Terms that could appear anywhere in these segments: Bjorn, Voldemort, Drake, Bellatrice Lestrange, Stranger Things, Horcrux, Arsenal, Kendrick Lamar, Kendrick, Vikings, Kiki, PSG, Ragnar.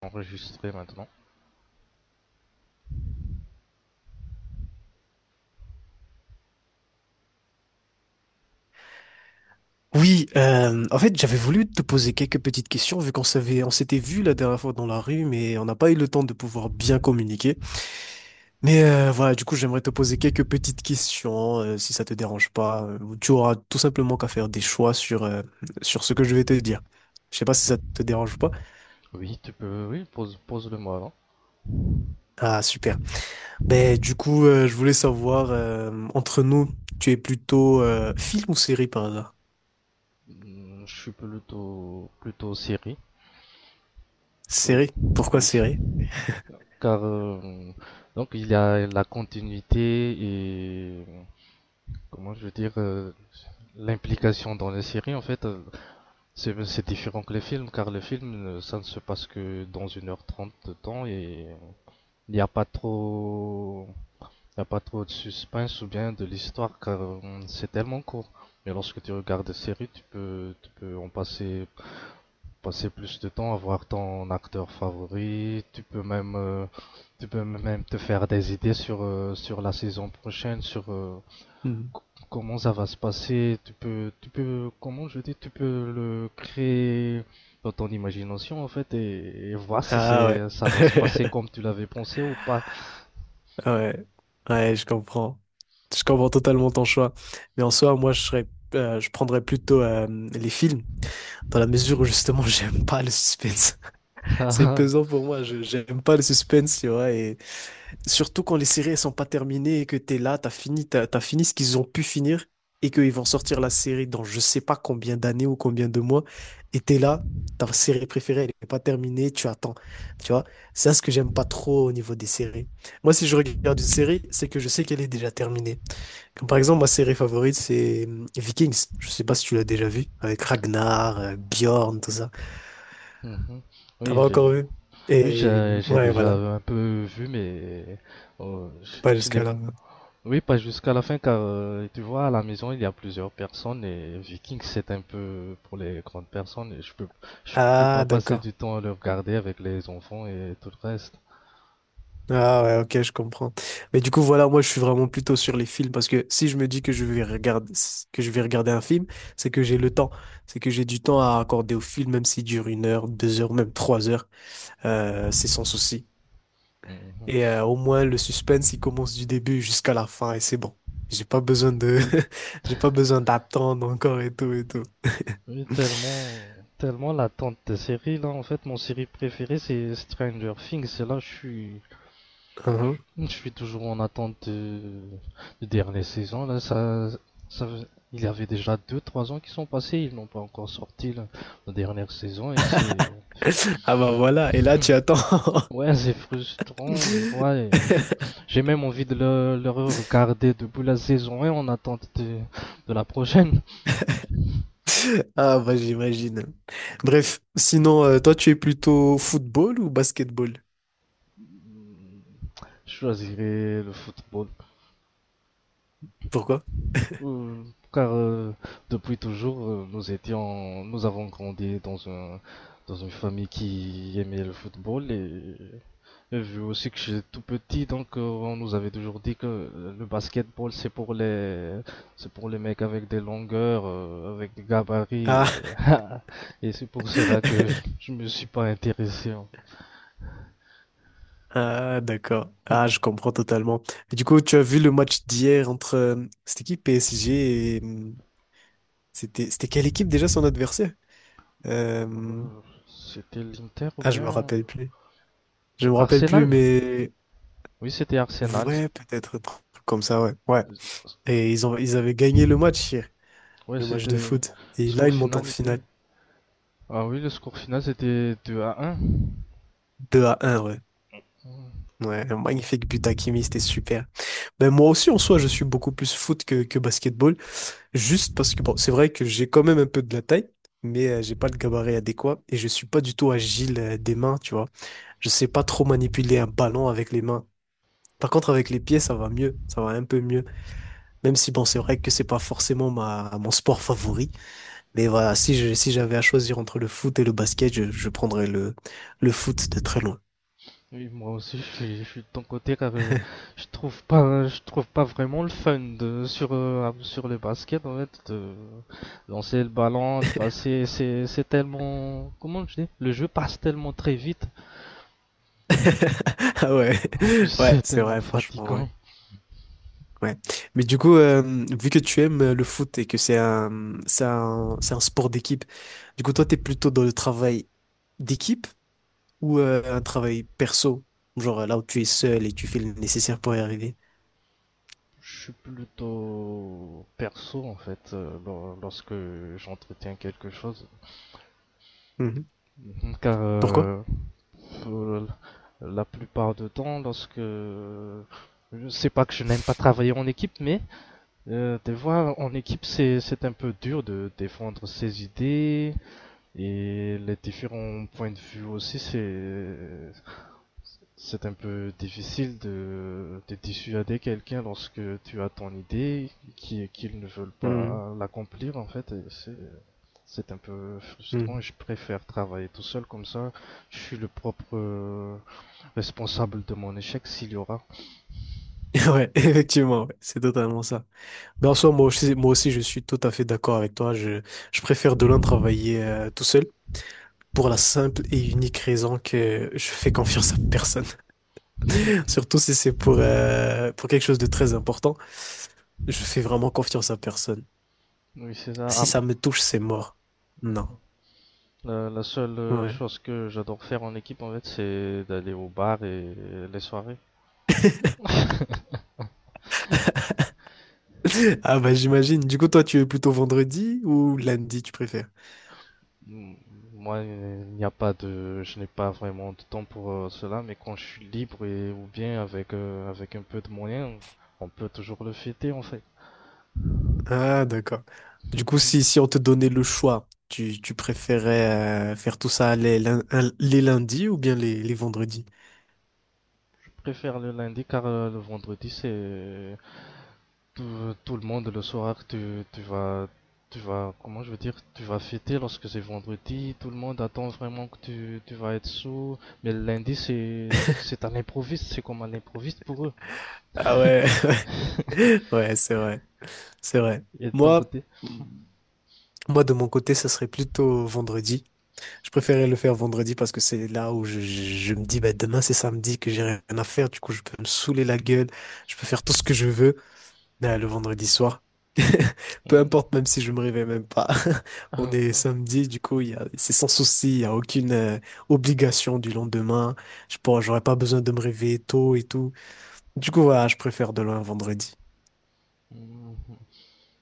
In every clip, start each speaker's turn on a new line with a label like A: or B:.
A: Enregistré maintenant.
B: Oui, en fait, j'avais voulu te poser quelques petites questions vu on s'était vu la dernière fois dans la rue, mais on n'a pas eu le temps de pouvoir bien communiquer. Mais voilà, du coup, j'aimerais te poser quelques petites questions, si ça te dérange pas. Tu auras tout simplement qu'à faire des choix sur ce que je vais te dire. Je sais pas si ça te dérange ou pas.
A: Oui, tu peux, oui, pose-le moi avant.
B: Ah super. Ben du coup, je voulais savoir entre nous, tu es plutôt film ou série par hasard?
A: Je suis plutôt série. Euh,
B: Série. Pourquoi
A: oui,
B: série?
A: car donc il y a la continuité et comment je veux dire, l'implication dans les séries en fait. C'est différent que les films car les films, ça ne se passe que dans une heure trente de temps et il n'y a pas trop Il n'y a pas trop de suspense ou bien de l'histoire car c'est tellement court. Mais lorsque tu regardes des séries, tu peux en passer, passer plus de temps à voir ton acteur favori. Tu peux même te faire des idées sur, sur la saison prochaine, sur
B: Hmm.
A: co- comment ça va se passer. Comment je dis, tu peux le créer dans ton imagination en fait et voir si
B: Ah ouais.
A: ça va se passer comme tu l'avais pensé ou pas.
B: Ouais, ouais, je comprends. Je comprends totalement ton choix. Mais en soi, moi, je prendrais plutôt les films, dans la mesure où justement, j'aime pas le suspense. C'est pesant pour moi. Je j'aime pas le suspense, tu vois. Et surtout quand les séries elles sont pas terminées et que t'es là, t'as fini, t'as fini ce qu'ils ont pu finir et qu'ils vont sortir la série dans je sais pas combien d'années ou combien de mois et t'es là, ta série préférée elle est pas terminée, tu attends, tu vois. C'est ça ce que j'aime pas trop au niveau des séries. Moi si je regarde une série, c'est que je sais qu'elle est déjà terminée. Comme par exemple ma série favorite c'est Vikings. Je sais pas si tu l'as déjà vu avec Ragnar, Bjorn, tout ça.
A: Mhm.
B: T'as
A: Oui,
B: pas
A: j'ai-
B: encore vu?
A: Oui,
B: Et
A: j'ai j'ai
B: ouais
A: déjà
B: voilà,
A: un peu vu, mais
B: pas
A: je n'ai,
B: jusqu'à là.
A: oui, pas jusqu'à la fin car tu vois, à la maison il y a plusieurs personnes et Vikings c'est un peu pour les grandes personnes et je peux
B: Ah
A: pas passer
B: d'accord.
A: du temps à le regarder avec les enfants et tout le reste.
B: Ah ouais, ok, je comprends. Mais du coup, voilà, moi, je suis vraiment plutôt sur les films parce que si je me dis que je vais regarder, que je vais regarder un film, c'est que j'ai le temps. C'est que j'ai du temps à accorder au film, même s'il dure 1 heure, 2 heures, même 3 heures. C'est sans souci.
A: Mhm.
B: Et au moins, le suspense, il commence du début jusqu'à la fin et c'est bon. J'ai pas besoin de, j'ai pas besoin d'attendre encore et tout et tout.
A: Oui, tellement l'attente des séries là en fait. Mon série préférée c'est Stranger Things et là
B: Uhum.
A: je suis toujours en attente de dernière saison. Là, ça, il y avait déjà deux trois ans qui sont passés, ils n'ont pas encore sorti là, la dernière saison et c'est.
B: Ah bah voilà, et là, tu attends.
A: Ouais, c'est frustrant de voir. Et j'ai même envie de le regarder depuis la saison 1 en attente de la prochaine.
B: Ah, bah j'imagine. Bref, sinon, toi, tu es plutôt football ou basketball?
A: Je choisirais le football.
B: Pourquoi?
A: Euh, Car depuis toujours, nous avons grandi dans dans une famille qui aimait le football et vu aussi que j'étais tout petit, donc on nous avait toujours dit que le basketball c'est pour les mecs avec des longueurs, avec des gabarits et,
B: Ah,
A: et c'est pour cela que je me suis pas intéressé en
B: ah d'accord. Ah,
A: fait.
B: je comprends totalement. Et du coup, tu as vu le match d'hier entre cette équipe PSG C'était, c'était quelle équipe déjà son adversaire? Euh,
A: Euh, C'était l'Inter ou
B: Ah, je me
A: bien
B: rappelle plus. Je
A: c'est
B: me rappelle plus,
A: Arsenal?
B: mais...
A: Oui, c'était Arsenal.
B: Ouais, peut-être un truc comme ça, ouais. Ouais. Et ils avaient gagné le match hier,
A: Ouais,
B: le match de
A: c'était.
B: foot. Et là,
A: Score
B: ils montent en
A: final était.
B: finale.
A: Ah oui, le score final c'était 2 à un.
B: 2-1, ouais.
A: Ouais.
B: Ouais, un magnifique but d'Hakimi, c'était super. Ben moi aussi, en soi, je suis beaucoup plus foot que basketball, juste parce que, bon, c'est vrai que j'ai quand même un peu de la taille, mais j'ai pas le gabarit adéquat et je suis pas du tout agile des mains, tu vois. Je sais pas trop manipuler un ballon avec les mains. Par contre, avec les pieds, ça va mieux, ça va un peu mieux. Même si, bon, c'est vrai que c'est pas forcément mon sport favori, mais voilà, si j'avais à choisir entre le foot et le basket, je prendrais le foot de très loin.
A: Oui, moi aussi, je suis de ton côté. Car, je trouve pas, je trouve pas vraiment le fun de, sur le basket en fait. De lancer le ballon, le passer, c'est tellement. Comment je dis, le jeu passe tellement très vite.
B: Ah ouais,
A: En plus,
B: ouais,
A: c'est
B: c'est
A: tellement
B: vrai, franchement, ouais.
A: fatigant.
B: Ouais. Mais du coup, vu que tu aimes le foot et que c'est un sport d'équipe, du coup, toi, t'es plutôt dans le travail d'équipe ou un travail perso? Genre là où tu es seul et tu fais le nécessaire pour y arriver.
A: Je suis plutôt perso en fait, lorsque j'entretiens quelque chose.
B: Mhm.
A: Car,
B: Pourquoi?
A: euh, la plupart du temps lorsque, je sais pas, que je n'aime pas travailler en équipe, mais des fois en équipe c'est un peu dur de défendre ses idées et les différents points de vue aussi c'est un peu difficile de dissuader quelqu'un lorsque tu as ton idée qui qu'ils ne veulent
B: Mhm.
A: pas l'accomplir en fait. C'est un peu frustrant et
B: Mhm.
A: je préfère travailler tout seul, comme ça je suis le propre responsable de mon échec s'il y aura.
B: Ouais, effectivement, ouais, c'est totalement ça. Mais en soi, moi aussi, je suis tout à fait d'accord avec toi. Je préfère de loin travailler tout seul, pour la simple et unique raison que je fais confiance à personne. Surtout si c'est pour quelque chose de très important, je fais vraiment confiance à personne.
A: Oui, c'est ça. À
B: Si ça me touche, c'est mort. Non.
A: La, la seule,
B: Ouais.
A: chose que j'adore faire en équipe, en fait, c'est d'aller au bar et les soirées.
B: Ah bah j'imagine. Du coup, toi, tu es plutôt vendredi ou lundi, tu, préfères?
A: Moi, il n'y a pas de, je n'ai pas vraiment de temps pour cela, mais quand je suis libre et ou bien avec, avec un peu de moyens, on peut toujours le fêter en fait.
B: Ah d'accord. Du coup,
A: Je
B: si on te donnait le choix, tu préférais faire tout ça les lundis ou bien les vendredis?
A: préfère le lundi car le vendredi c'est tout le monde le soir, tu vas, comment je veux dire, tu vas fêter lorsque c'est vendredi, tout le monde attend vraiment que tu vas être sous, mais le lundi c'est un improviste, c'est comme un improviste pour eux.
B: Ah ouais, ouais, c'est vrai, c'est vrai.
A: Et de ton
B: Moi,
A: côté.
B: Moi, de mon côté, ça serait plutôt vendredi. Je préférais le faire vendredi parce que c'est là où je me dis, bah, demain, c'est samedi, que j'ai rien à faire. Du coup, je peux me saouler la gueule. Je peux faire tout ce que je veux. Mais, le vendredi soir, peu
A: Mm.
B: importe, même si je me réveille même pas. On est samedi, du coup, il y a, c'est sans souci. Il n'y a aucune obligation du lendemain. Je pourrais, j'aurais pas besoin de me réveiller tôt et tout. Du coup, voilà, je préfère de loin vendredi.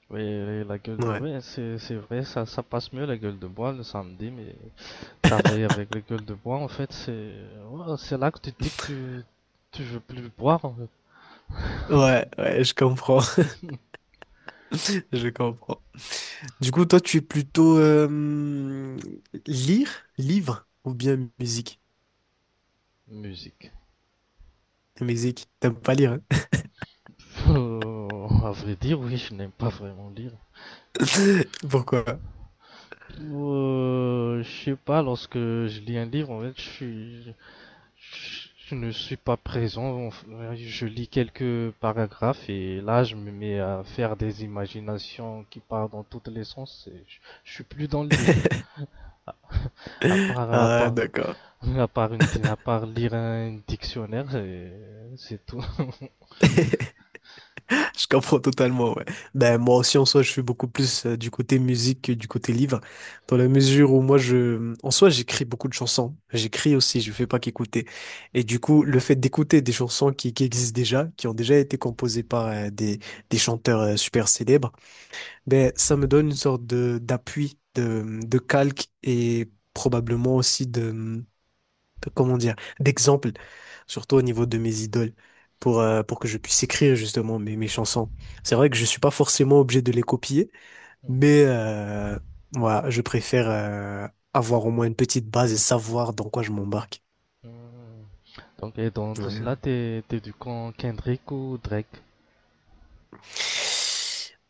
A: Oui, la gueule,
B: Ouais.
A: oui, c'est vrai, ça passe mieux la gueule de bois le samedi, mais travailler avec la gueule de bois, en fait, c'est, ouais, c'est là que tu te dis que tu veux plus boire, en fait.
B: Ouais, ouais, je comprends. Je comprends. Du coup, toi, tu es plutôt lire, livre ou bien musique?
A: Musique.
B: Musique, t'aimes pas lire, hein?
A: À vrai dire, oui, je n'aime pas vraiment lire.
B: Pourquoi?
A: Je sais pas, lorsque je lis un livre, en fait, je ne suis pas présent. Enfin, je lis quelques paragraphes et là, je me mets à faire des imaginations qui partent dans tous les sens, et je suis plus dans le livre. À part, à
B: Ah,
A: part,
B: d'accord.
A: à part lire un dictionnaire, et c'est tout.
B: Je comprends totalement, ouais. Ben, moi aussi, en soi, je suis beaucoup plus du côté musique que du côté livre, dans la mesure où moi, je, en soi, j'écris beaucoup de chansons. J'écris aussi, je fais pas qu'écouter. Et du coup, le fait d'écouter des chansons qui existent déjà, qui ont déjà été composées par des chanteurs super célèbres, ben, ça me donne une sorte de d'appui, de calque et probablement aussi comment dire, d'exemple, surtout au niveau de mes idoles, pour que je puisse écrire justement mes chansons. C'est vrai que je suis pas forcément obligé de les copier,
A: Mhm.
B: mais voilà, je préfère avoir au moins une petite base et savoir dans quoi je m'embarque.
A: Euh, Donc, et dans
B: Ouais,
A: tout
B: ouais.
A: cela, t'es du camp Kendrick ou Drake?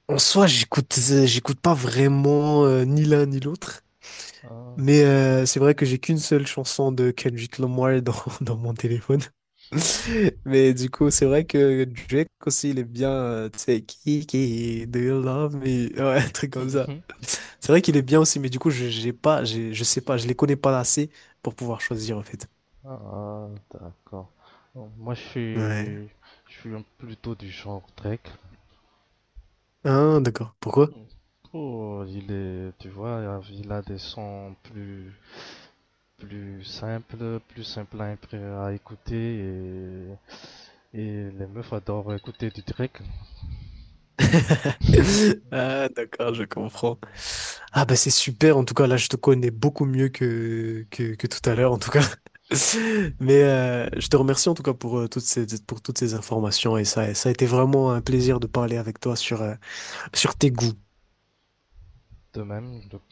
B: En soi, j'écoute pas vraiment ni l'un ni l'autre.
A: Ah.
B: Mais c'est vrai que j'ai qu'une seule chanson de Kendrick Lamar dans, dans mon téléphone. Mais du coup, c'est vrai que Drake aussi, il est bien, tu sais, Kiki, do you love me? Ouais, un truc comme ça.
A: Mhm.
B: C'est vrai qu'il est bien aussi, mais du coup, je sais pas, je les connais pas assez pour pouvoir choisir en fait.
A: Ah, d'accord. Bon,
B: Ouais.
A: je suis plutôt du genre Drake.
B: Ah, d'accord. Pourquoi?
A: Mm. Oh, il est, tu vois, il a des sons plus simples à écouter, et les meufs adorent écouter du Drake.
B: Ah, d'accord, je comprends. Ah, bah, c'est super. En tout cas, là, je te connais beaucoup mieux que tout à l'heure, en tout cas. Mais je te remercie, en tout cas, pour toutes ces informations. Et ça a été vraiment un plaisir de parler avec toi sur tes goûts.
A: De même. Donc,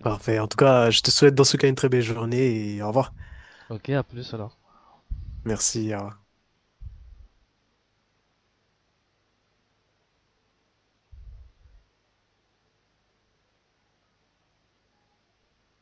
B: Parfait. En tout cas, je te souhaite dans ce cas une très belle journée et au revoir.
A: ok, à plus alors.
B: Merci. Au revoir.